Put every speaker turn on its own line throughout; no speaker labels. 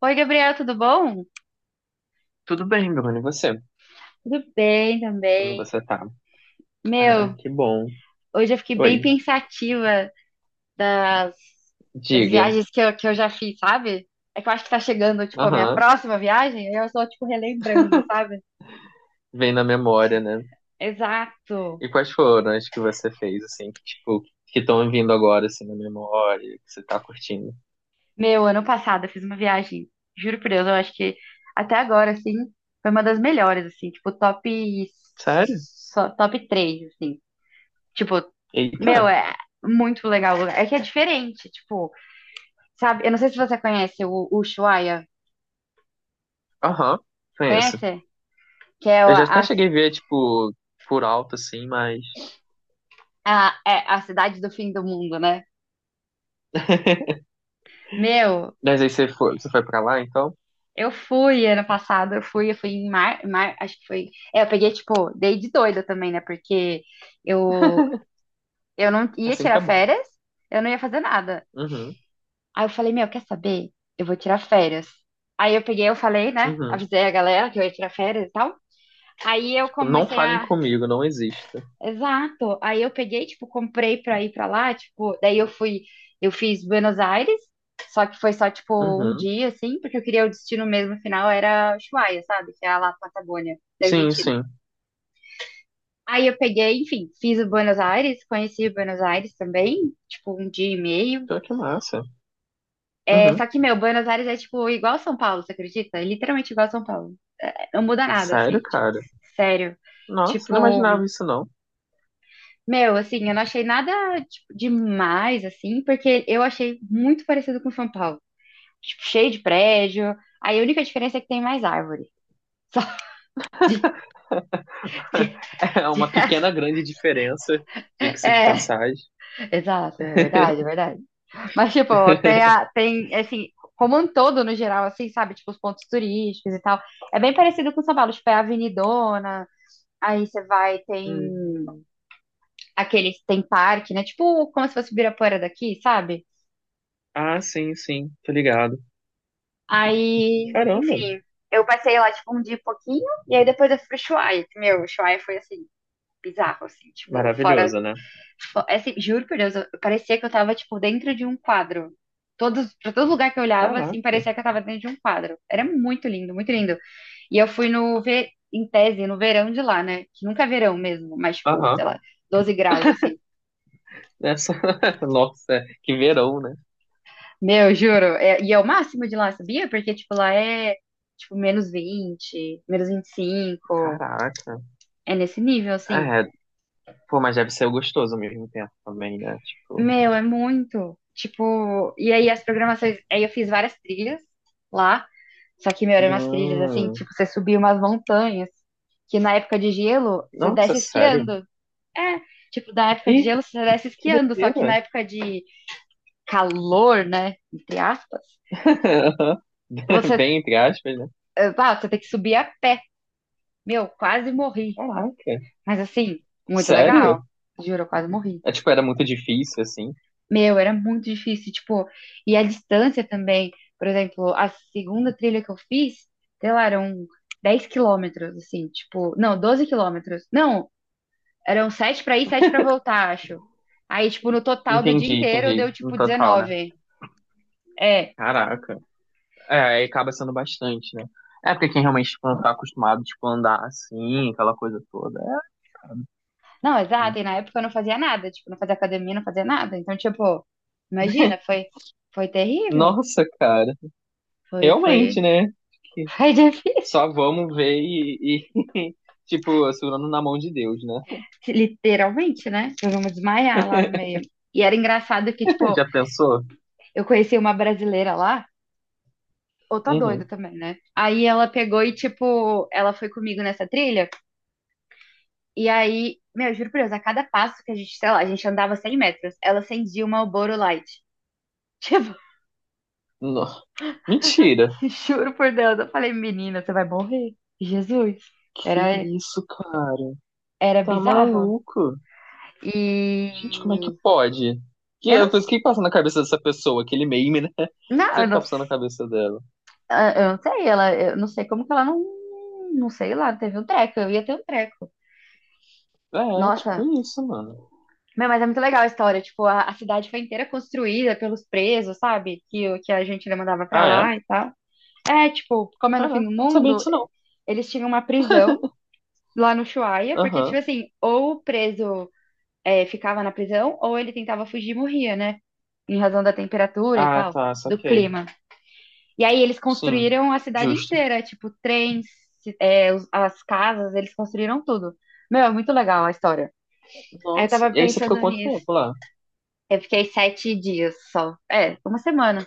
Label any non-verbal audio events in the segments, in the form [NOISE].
Oi, Gabriel, tudo bom?
Tudo bem, Bruno, e você?
Tudo bem
Como
também.
você tá? Ah,
Meu,
que bom.
hoje eu fiquei bem
Oi,
pensativa das
diga.
viagens que eu já fiz, sabe? É que eu acho que tá chegando, tipo, a minha
Aham,
próxima viagem, aí eu só, tipo, relembrando, sabe?
vem na memória, né?
Exato.
E quais foram as que você fez, assim, que, tipo, que estão vindo agora, assim, na memória, que você tá curtindo?
Meu, ano passado eu fiz uma viagem, juro por Deus, eu acho que até agora, assim, foi uma das melhores, assim, tipo, top,
Sério?
top 3, assim. Tipo,
Eita.
meu, é muito legal o lugar. É que é diferente, tipo, sabe? Eu não sei se você conhece o Ushuaia.
Aham, conheço.
Conhece? Que é
Eu já até cheguei a ver, tipo, por alto, assim, mas...
é a cidade do fim do mundo, né?
[LAUGHS]
Meu,
Mas aí você foi pra lá, então?
eu fui ano passado, eu fui em mar, acho que foi. É, eu peguei, tipo, dei de doida também, né? Porque eu, eu não ia
Assim que
tirar
é bom.
férias, eu não ia fazer nada.
Uhum,
Aí eu falei, meu, quer saber? Eu vou tirar férias. Aí eu peguei, eu falei, né?
uhum.
Avisei a galera que eu ia tirar férias e tal. Aí eu
Tipo, não
comecei
falem
a.
comigo, não exista.
Exato. Aí eu peguei, tipo, comprei pra ir pra lá, tipo, daí eu fui, eu fiz Buenos Aires, só que foi só, tipo, um
Uhum.
dia, assim, porque eu queria o destino mesmo final, era Ushuaia, sabe? Que é lá na Patagônia, da
Sim,
Argentina.
sim.
Aí eu peguei, enfim, fiz o Buenos Aires, conheci o Buenos Aires também, tipo, um dia e meio.
Então, que massa.
É, só
Uhum.
que, meu, Buenos Aires é, tipo, igual São Paulo, você acredita? É literalmente igual São Paulo. É, não muda nada, assim,
Sério,
tipo,
cara?
sério.
Nossa, não
Tipo,
imaginava isso, não.
meu, assim, eu não achei nada, tipo, demais, assim, porque eu achei muito parecido com São Paulo. Tipo, cheio de prédio. Aí a única diferença é que tem mais árvore. [LAUGHS] Só
[LAUGHS]
de-
É
de-
uma pequena, grande diferença, diga-se de
é, é,
passagem.
exato, é verdade, é verdade. Mas, tipo, tem,
[LAUGHS]
tem, assim, como um todo, no geral, assim, sabe? Tipo, os pontos turísticos e tal. É bem parecido com São Paulo. Tipo, é a Avenidona. Aí você vai, tem
Hum.
aqueles, tem parque, né? Tipo, como se fosse o Ibirapuera daqui, sabe?
Ah, sim, sim, tô ligado.
Aí,
Caramba,
enfim, eu passei lá, tipo, um dia e pouquinho, e aí depois eu fui pro Ushuaia. Meu, o Ushuaia foi, assim, bizarro, assim, tipo,
maravilhoso, né?
é, assim, juro por Deus, eu, parecia que eu tava, tipo, dentro de um quadro. Todos, pra todo lugar que eu olhava, assim,
Caraca.
parecia que eu tava dentro de um quadro. Era muito lindo, muito lindo. E eu fui no, em tese, no verão de lá, né? Que nunca é verão mesmo, mas, tipo, sei
Aham.
lá, 12 graus, assim.
Essa... [LAUGHS] Nossa, que verão, né?
Meu, juro. E é o máximo de lá, sabia? Porque, tipo, lá é, tipo, menos 20 menos 25.
Caraca.
É nesse nível, assim.
É, pô, mas deve ser gostoso ao mesmo tempo também, né? Tipo.
Meu, é muito. Tipo, e aí as programações. Aí eu fiz várias trilhas lá. Só que, meu, eram umas trilhas, assim,
Hum.
tipo, você subia umas montanhas. Que na época de gelo, você
Nossa,
desce
sério?
esquiando. É, tipo, na época de
Ih,
gelo, você desce
que
esquiando. Só que
doideira.
na época de calor, né? Entre aspas,
[LAUGHS]
você,
Bem entre aspas, né?
você tem que subir a pé. Meu, quase morri.
Caraca.
Mas, assim, muito
Sério?
legal. Juro, eu quase morri.
É, tipo, era muito difícil, assim.
Meu, era muito difícil, tipo, e a distância também, por exemplo, a segunda trilha que eu fiz, sei lá, eram 10 quilômetros, assim, tipo, não, 12 quilômetros, não, eram 7 pra ir, 7 pra voltar, acho. Aí, tipo, no total do dia
Entendi,
inteiro
entendi.
deu,
No
tipo,
total, né?
19. É.
Caraca. É, aí acaba sendo bastante, né? É porque quem realmente, tipo, não tá acostumado, tipo, a andar assim, aquela coisa toda. É.
Não, exato, e na época eu não fazia nada, tipo, não fazia academia, não fazia nada, então, tipo, imagina, foi, foi terrível,
Nossa, cara.
foi, foi,
Realmente, né?
[LAUGHS] foi difícil,
Só vamos ver e, e, [LAUGHS] tipo, segurando na mão de Deus, né?
literalmente, né, eu vou desmaiar lá no meio. E era engraçado que, tipo,
[LAUGHS] Já pensou?
eu conheci uma brasileira lá, outra doida
Uhum.
também, né? Aí ela pegou e, tipo, ela foi comigo nessa trilha. E aí, meu, juro por Deus, a cada passo que a gente, sei lá, a gente andava 100 metros, ela acendia uma Marlboro Light. Tipo,
No- Mentira.
[LAUGHS] juro por Deus, eu falei, menina, você vai morrer. Jesus.
Que
Era,
isso, cara?
Era
Tá
bizarro.
maluco? Gente, como é que
E
pode? Que,
eu não,
eu penso, o que que passa na cabeça dessa pessoa? Aquele meme, né? [LAUGHS] O que
não,
será
eu
que tá
não,
passando na cabeça dela?
eu não sei, ela, eu não sei como que ela não, não sei lá, teve um treco, eu ia ter um treco.
É,
Nossa,
tipo isso, mano.
meu, mas é muito legal a história. Tipo, a cidade foi inteira construída pelos presos, sabe? Que, que a gente mandava pra
Ah, é?
lá e tal. É, tipo, como é no fim
Caraca,
do
eu não sabia
mundo,
disso não.
eles tinham uma prisão lá no Ushuaia, porque, tipo
Aham.
assim, ou o preso ficava na prisão, ou ele tentava fugir e morria, né? Em razão da temperatura e
Ah,
tal,
tá,
do
saquei.
clima. E aí eles
Sim,
construíram a cidade
justo.
inteira, tipo, trens, as casas, eles construíram tudo. Meu, é muito legal a história. Aí eu
Nossa,
tava
e aí você ficou
pensando
quanto
nisso.
tempo lá?
Eu fiquei 7 dias só. É, uma semana.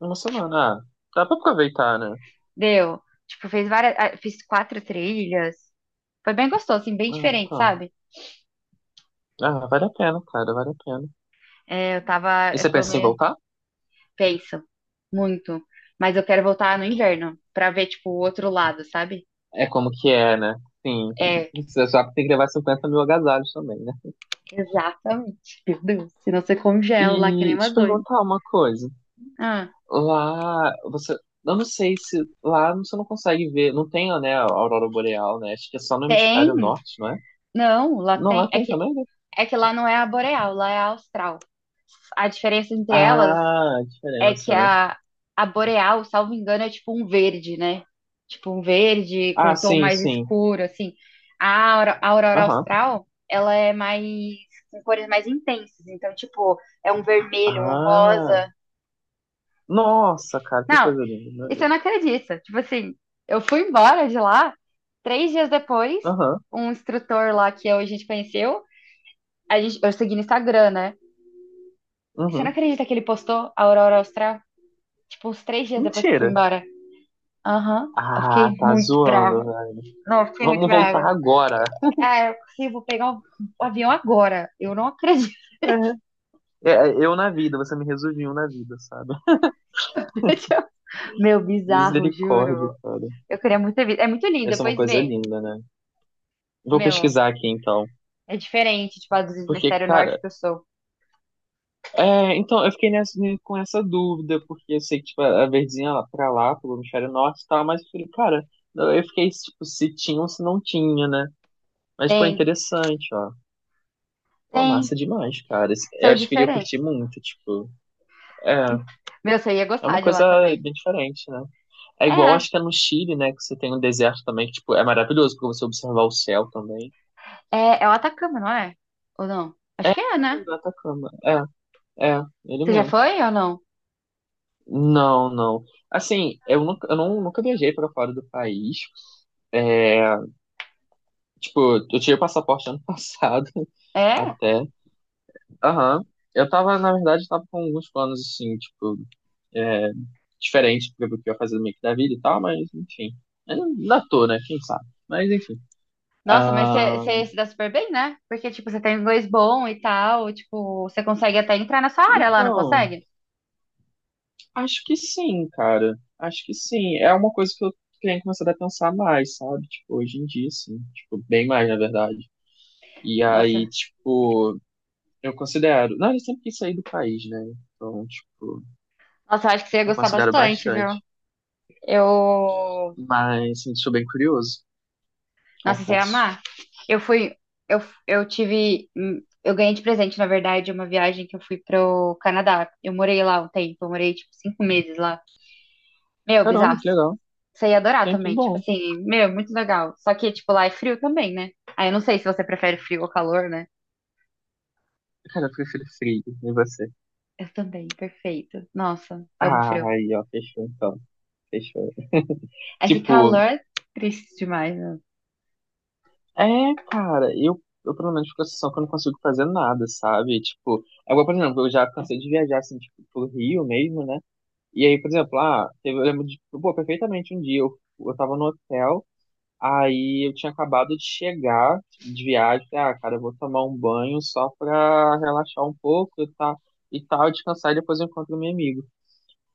Uma semana. Ah, dá pra aproveitar, né?
Deu. Tipo, fiz várias, ah, fiz quatro trilhas. Foi bem gostoso, assim, bem
Ah,
diferente,
então.
sabe?
Ah, vale a pena, cara, vale a pena.
É, eu tava,
E
eu
você
tô
pensa em
meio
voltar?
tenso, muito. Mas eu quero voltar no inverno pra ver, tipo, o outro lado, sabe?
É como que é, né? Sim.
É,
Você só tem que levar 50.000 agasalhos também, né?
exatamente. Meu Deus, senão você congela lá que nem
E
uma
te
doida.
perguntar uma coisa.
Ah,
Lá, você. Eu não sei se. Lá você não consegue ver. Não tem, né, a aurora boreal, né? Acho que é só no
tem?
hemisfério norte, não é?
Não, lá
Não,
tem.
lá tem também, né?
É que lá não é a boreal, lá é a austral. A diferença entre elas
Ah, a
é que
diferença, né?
a boreal, salvo engano, é tipo um verde, né? Tipo um verde com
Ah,
um tom
sim,
mais
sim.
escuro, assim. A aurora
Aham.
austral, ela é mais, com cores mais intensas. Então, tipo, é um vermelho, um
Ah.
rosa.
Nossa, cara, que
Não,
coisa linda, meu
isso eu
Deus.
não acredito. Tipo assim, eu fui embora de lá, 3 dias depois,
Aham.
um instrutor lá que a gente conheceu, a gente, eu segui no Instagram, né? Você não
Uhum.
acredita que ele postou a aurora austral? Tipo, uns 3 dias depois que eu fui
Mentira.
embora. Aham. Eu
Ah,
fiquei
tá
muito
zoando,
brava.
velho.
Não, eu fiquei muito
Vamos voltar
brava.
agora.
Ah, eu consigo, vou pegar o avião agora. Eu não acredito.
É, eu na vida, você me resumiu na vida, sabe?
[LAUGHS] Meu,
[LAUGHS]
bizarro,
Misericórdia,
juro.
cara.
Eu queria muito ter visto. É muito lindo,
Essa é uma
depois
coisa
vê.
linda, né? Vou
Meu,
pesquisar aqui então.
é diferente, tipo, a dos
Porque,
hemisfério norte
cara,
que eu sou.
é, então eu fiquei nessa, né, com essa dúvida, porque eu sei que tipo, a verdinha lá pra lá, pro hemisfério norte e tal, mas eu falei, cara, eu fiquei tipo, se tinha ou se não tinha, né? Mas, pô, é
Tem,
interessante, ó. Pô, massa
tem.
demais, cara. Esse- Eu
São
acho que eu ia
diferentes.
curtir muito, tipo. É,
Meu, você ia
é
gostar
uma
de lá
coisa
também.
bem diferente, né? É igual,
É,
acho que é no Chile, né? Que você tem um deserto também, que, tipo, é maravilhoso pra você observar o céu também.
É o Atacama, não é? Ou não?
É,
Acho que é,
isso
né?
aí, o Atacama. Ele
Você já
mesmo.
foi ou não?
Não, não. Assim, eu nunca, eu não, nunca viajei para fora do país. É, tipo, eu tirei o passaporte ano [LAUGHS] passado,
É?
até. Aham. Eu tava, na verdade, tava com alguns planos, assim, tipo, diferentes do que eu ia fazer meio que da vida e tal, mas, enfim. Ainda tô, né? Quem sabe? Mas, enfim.
Nossa, mas você
Ah,
você se dá super bem, né? Porque, tipo, você tem inglês bom e tal, tipo, você consegue até entrar na sua área lá, não
então,
consegue?
acho que sim, cara. Acho que sim. É uma coisa que eu tenho começado a pensar mais, sabe? Tipo, hoje em dia, sim. Tipo, bem mais, na verdade. E
Nossa,
aí, tipo. Eu considero. Não, eu sempre quis sair do país, né? Então, tipo,
nossa, eu acho que você ia
eu
gostar
considero
bastante, viu?
bastante.
Eu,
Mas, assim, sou bem curioso,
Nossa, você ia
confesso.
amar. Eu fui, eu, eu tive, Eu ganhei de presente, na verdade, uma viagem que eu fui pro Canadá. Eu morei lá um tempo, eu morei, tipo, 5 meses lá. Meu,
Caramba,
bizarro.
que legal.
Você ia adorar
Tem
também, tipo
bom.
assim, meu, muito legal. Só que, tipo, lá é frio também, né? Aí eu não sei se você prefere frio ou calor, né?
Cara, eu prefiro frio. E você?
Eu também, perfeito. Nossa, amo
Ah,
frio.
aí, ó, fechou então. Fechou.
É que
Tipo,
calor é triste demais, né?
é, cara, eu pelo menos fico a sensação que eu não consigo fazer nada, sabe? Tipo, agora, por exemplo, eu já cansei de viajar, assim, tipo, pro Rio mesmo, né? E aí, por exemplo, ah, teve- eu lembro de, tipo, pô, perfeitamente um dia eu tava no hotel. Aí eu tinha acabado de chegar de viagem, falei, ah, cara, eu vou tomar um banho só pra relaxar um pouco tá, e tal, descansar e depois eu encontro meu amigo.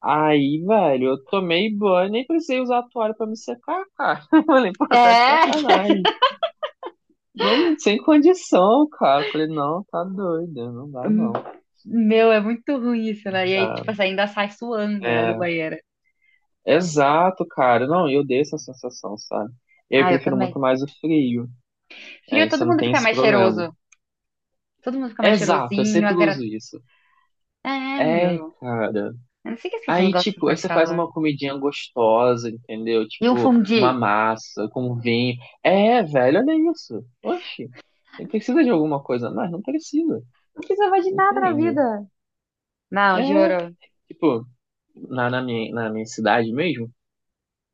Aí, velho, eu tomei banho, nem precisei usar a toalha pra me secar, cara. [LAUGHS] Eu falei, pô, tá de
É,
sacanagem. Não, sem condição, cara. Eu falei, não, tá doido, não dá
Hum,
não.
meu, é muito ruim isso,
Não
né? E aí,
dá.
tipo assim, ainda sai suando, né, do
É,
banheiro.
exato, cara. Não, eu dei essa sensação, sabe? Eu
Ah, eu
prefiro muito
também.
mais o frio.
Frio,
Aí você
todo
não
mundo
tem
fica
esse
mais
problema.
cheiroso. Todo mundo fica mais
Exato, eu
cheirosinho,
sempre
agra...
uso isso.
É,
É,
meu.
cara.
Eu não sei que as pessoas
Aí,
gostam
tipo, aí
tanto de
você faz
calor.
uma comidinha gostosa, entendeu?
E um
Tipo, uma
fundi?
massa com vinho. É, velho, olha isso. Oxi, ele precisa de alguma coisa mais? Não precisa,
Não precisa mais de nada na
entende?
vida.
É,
Não, juro.
tipo, na minha cidade mesmo,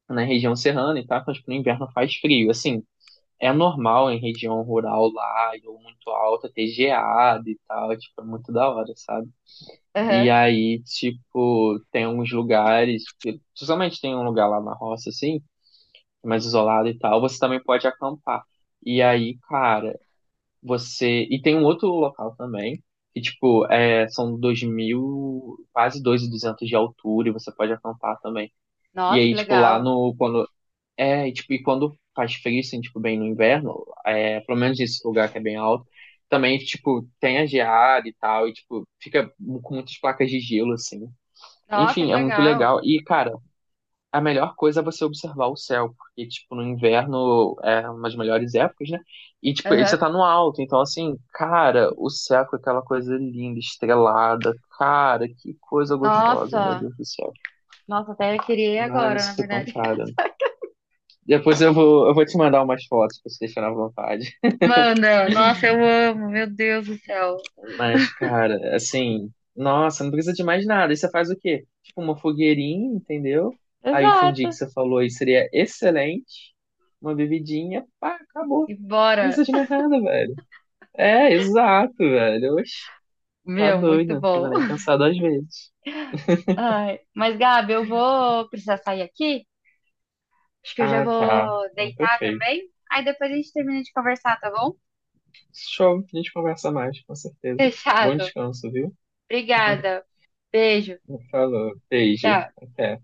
na região serrana e tal, mas no inverno faz frio. Assim, é normal em região rural lá, ou muito alta, ter geada e tal, tipo, é muito da hora, sabe? E
Aham.
aí, tipo, tem uns lugares, que- principalmente tem um lugar lá na roça, assim, mais isolado e tal, você também pode acampar. E aí, cara, você. E tem um outro local também, que, tipo, é, são 2.000 quase 2.200 de altura, e você pode acampar também. E
Nossa, que
aí, tipo, lá
legal.
no. Quando... É, e, tipo, e quando faz frio, assim, tipo, bem no inverno, é, pelo menos nesse lugar que é bem alto, também, tipo, tem a geada e tal, e, tipo, fica com muitas placas de gelo, assim.
Nossa,
Enfim,
que
é muito
legal.
legal. E, cara, a melhor coisa é você observar o céu, porque, tipo, no inverno é uma das melhores épocas, né? E, tipo, aí você
Aham.
tá no alto, então, assim, cara, o céu com aquela coisa linda, estrelada. Cara, que coisa gostosa, meu
Nossa.
Deus do céu.
Nossa, até eu queria ir
Ai, não
agora, na
se
verdade.
compara. Depois eu vou te mandar umas fotos pra você deixar na vontade.
Manda, nossa, eu amo, meu Deus do céu.
Mas, cara, assim, nossa, não precisa de mais nada. Aí você faz o quê? Tipo, uma fogueirinha, entendeu? Aí o fundi que
Exato.
você falou aí seria excelente. Uma bebidinha, pá, acabou.
E
Não
bora.
precisa de mais nada, velho. É, exato, velho. Oxe, tá
Meu,
doido.
muito
Não precisa
bom.
nem
[LAUGHS]
pensar duas vezes.
Ai, mas Gabi, eu vou precisar sair aqui. Acho que eu já
Ah, tá.
vou
Não,
deitar
perfeito.
também. Aí depois a gente termina de conversar, tá bom?
Show. A gente conversa mais, com
[LAUGHS]
certeza. Bom
Fechado.
descanso, viu? [LAUGHS]
Obrigada. Beijo.
Falou. Beijo.
Tchau.
Até.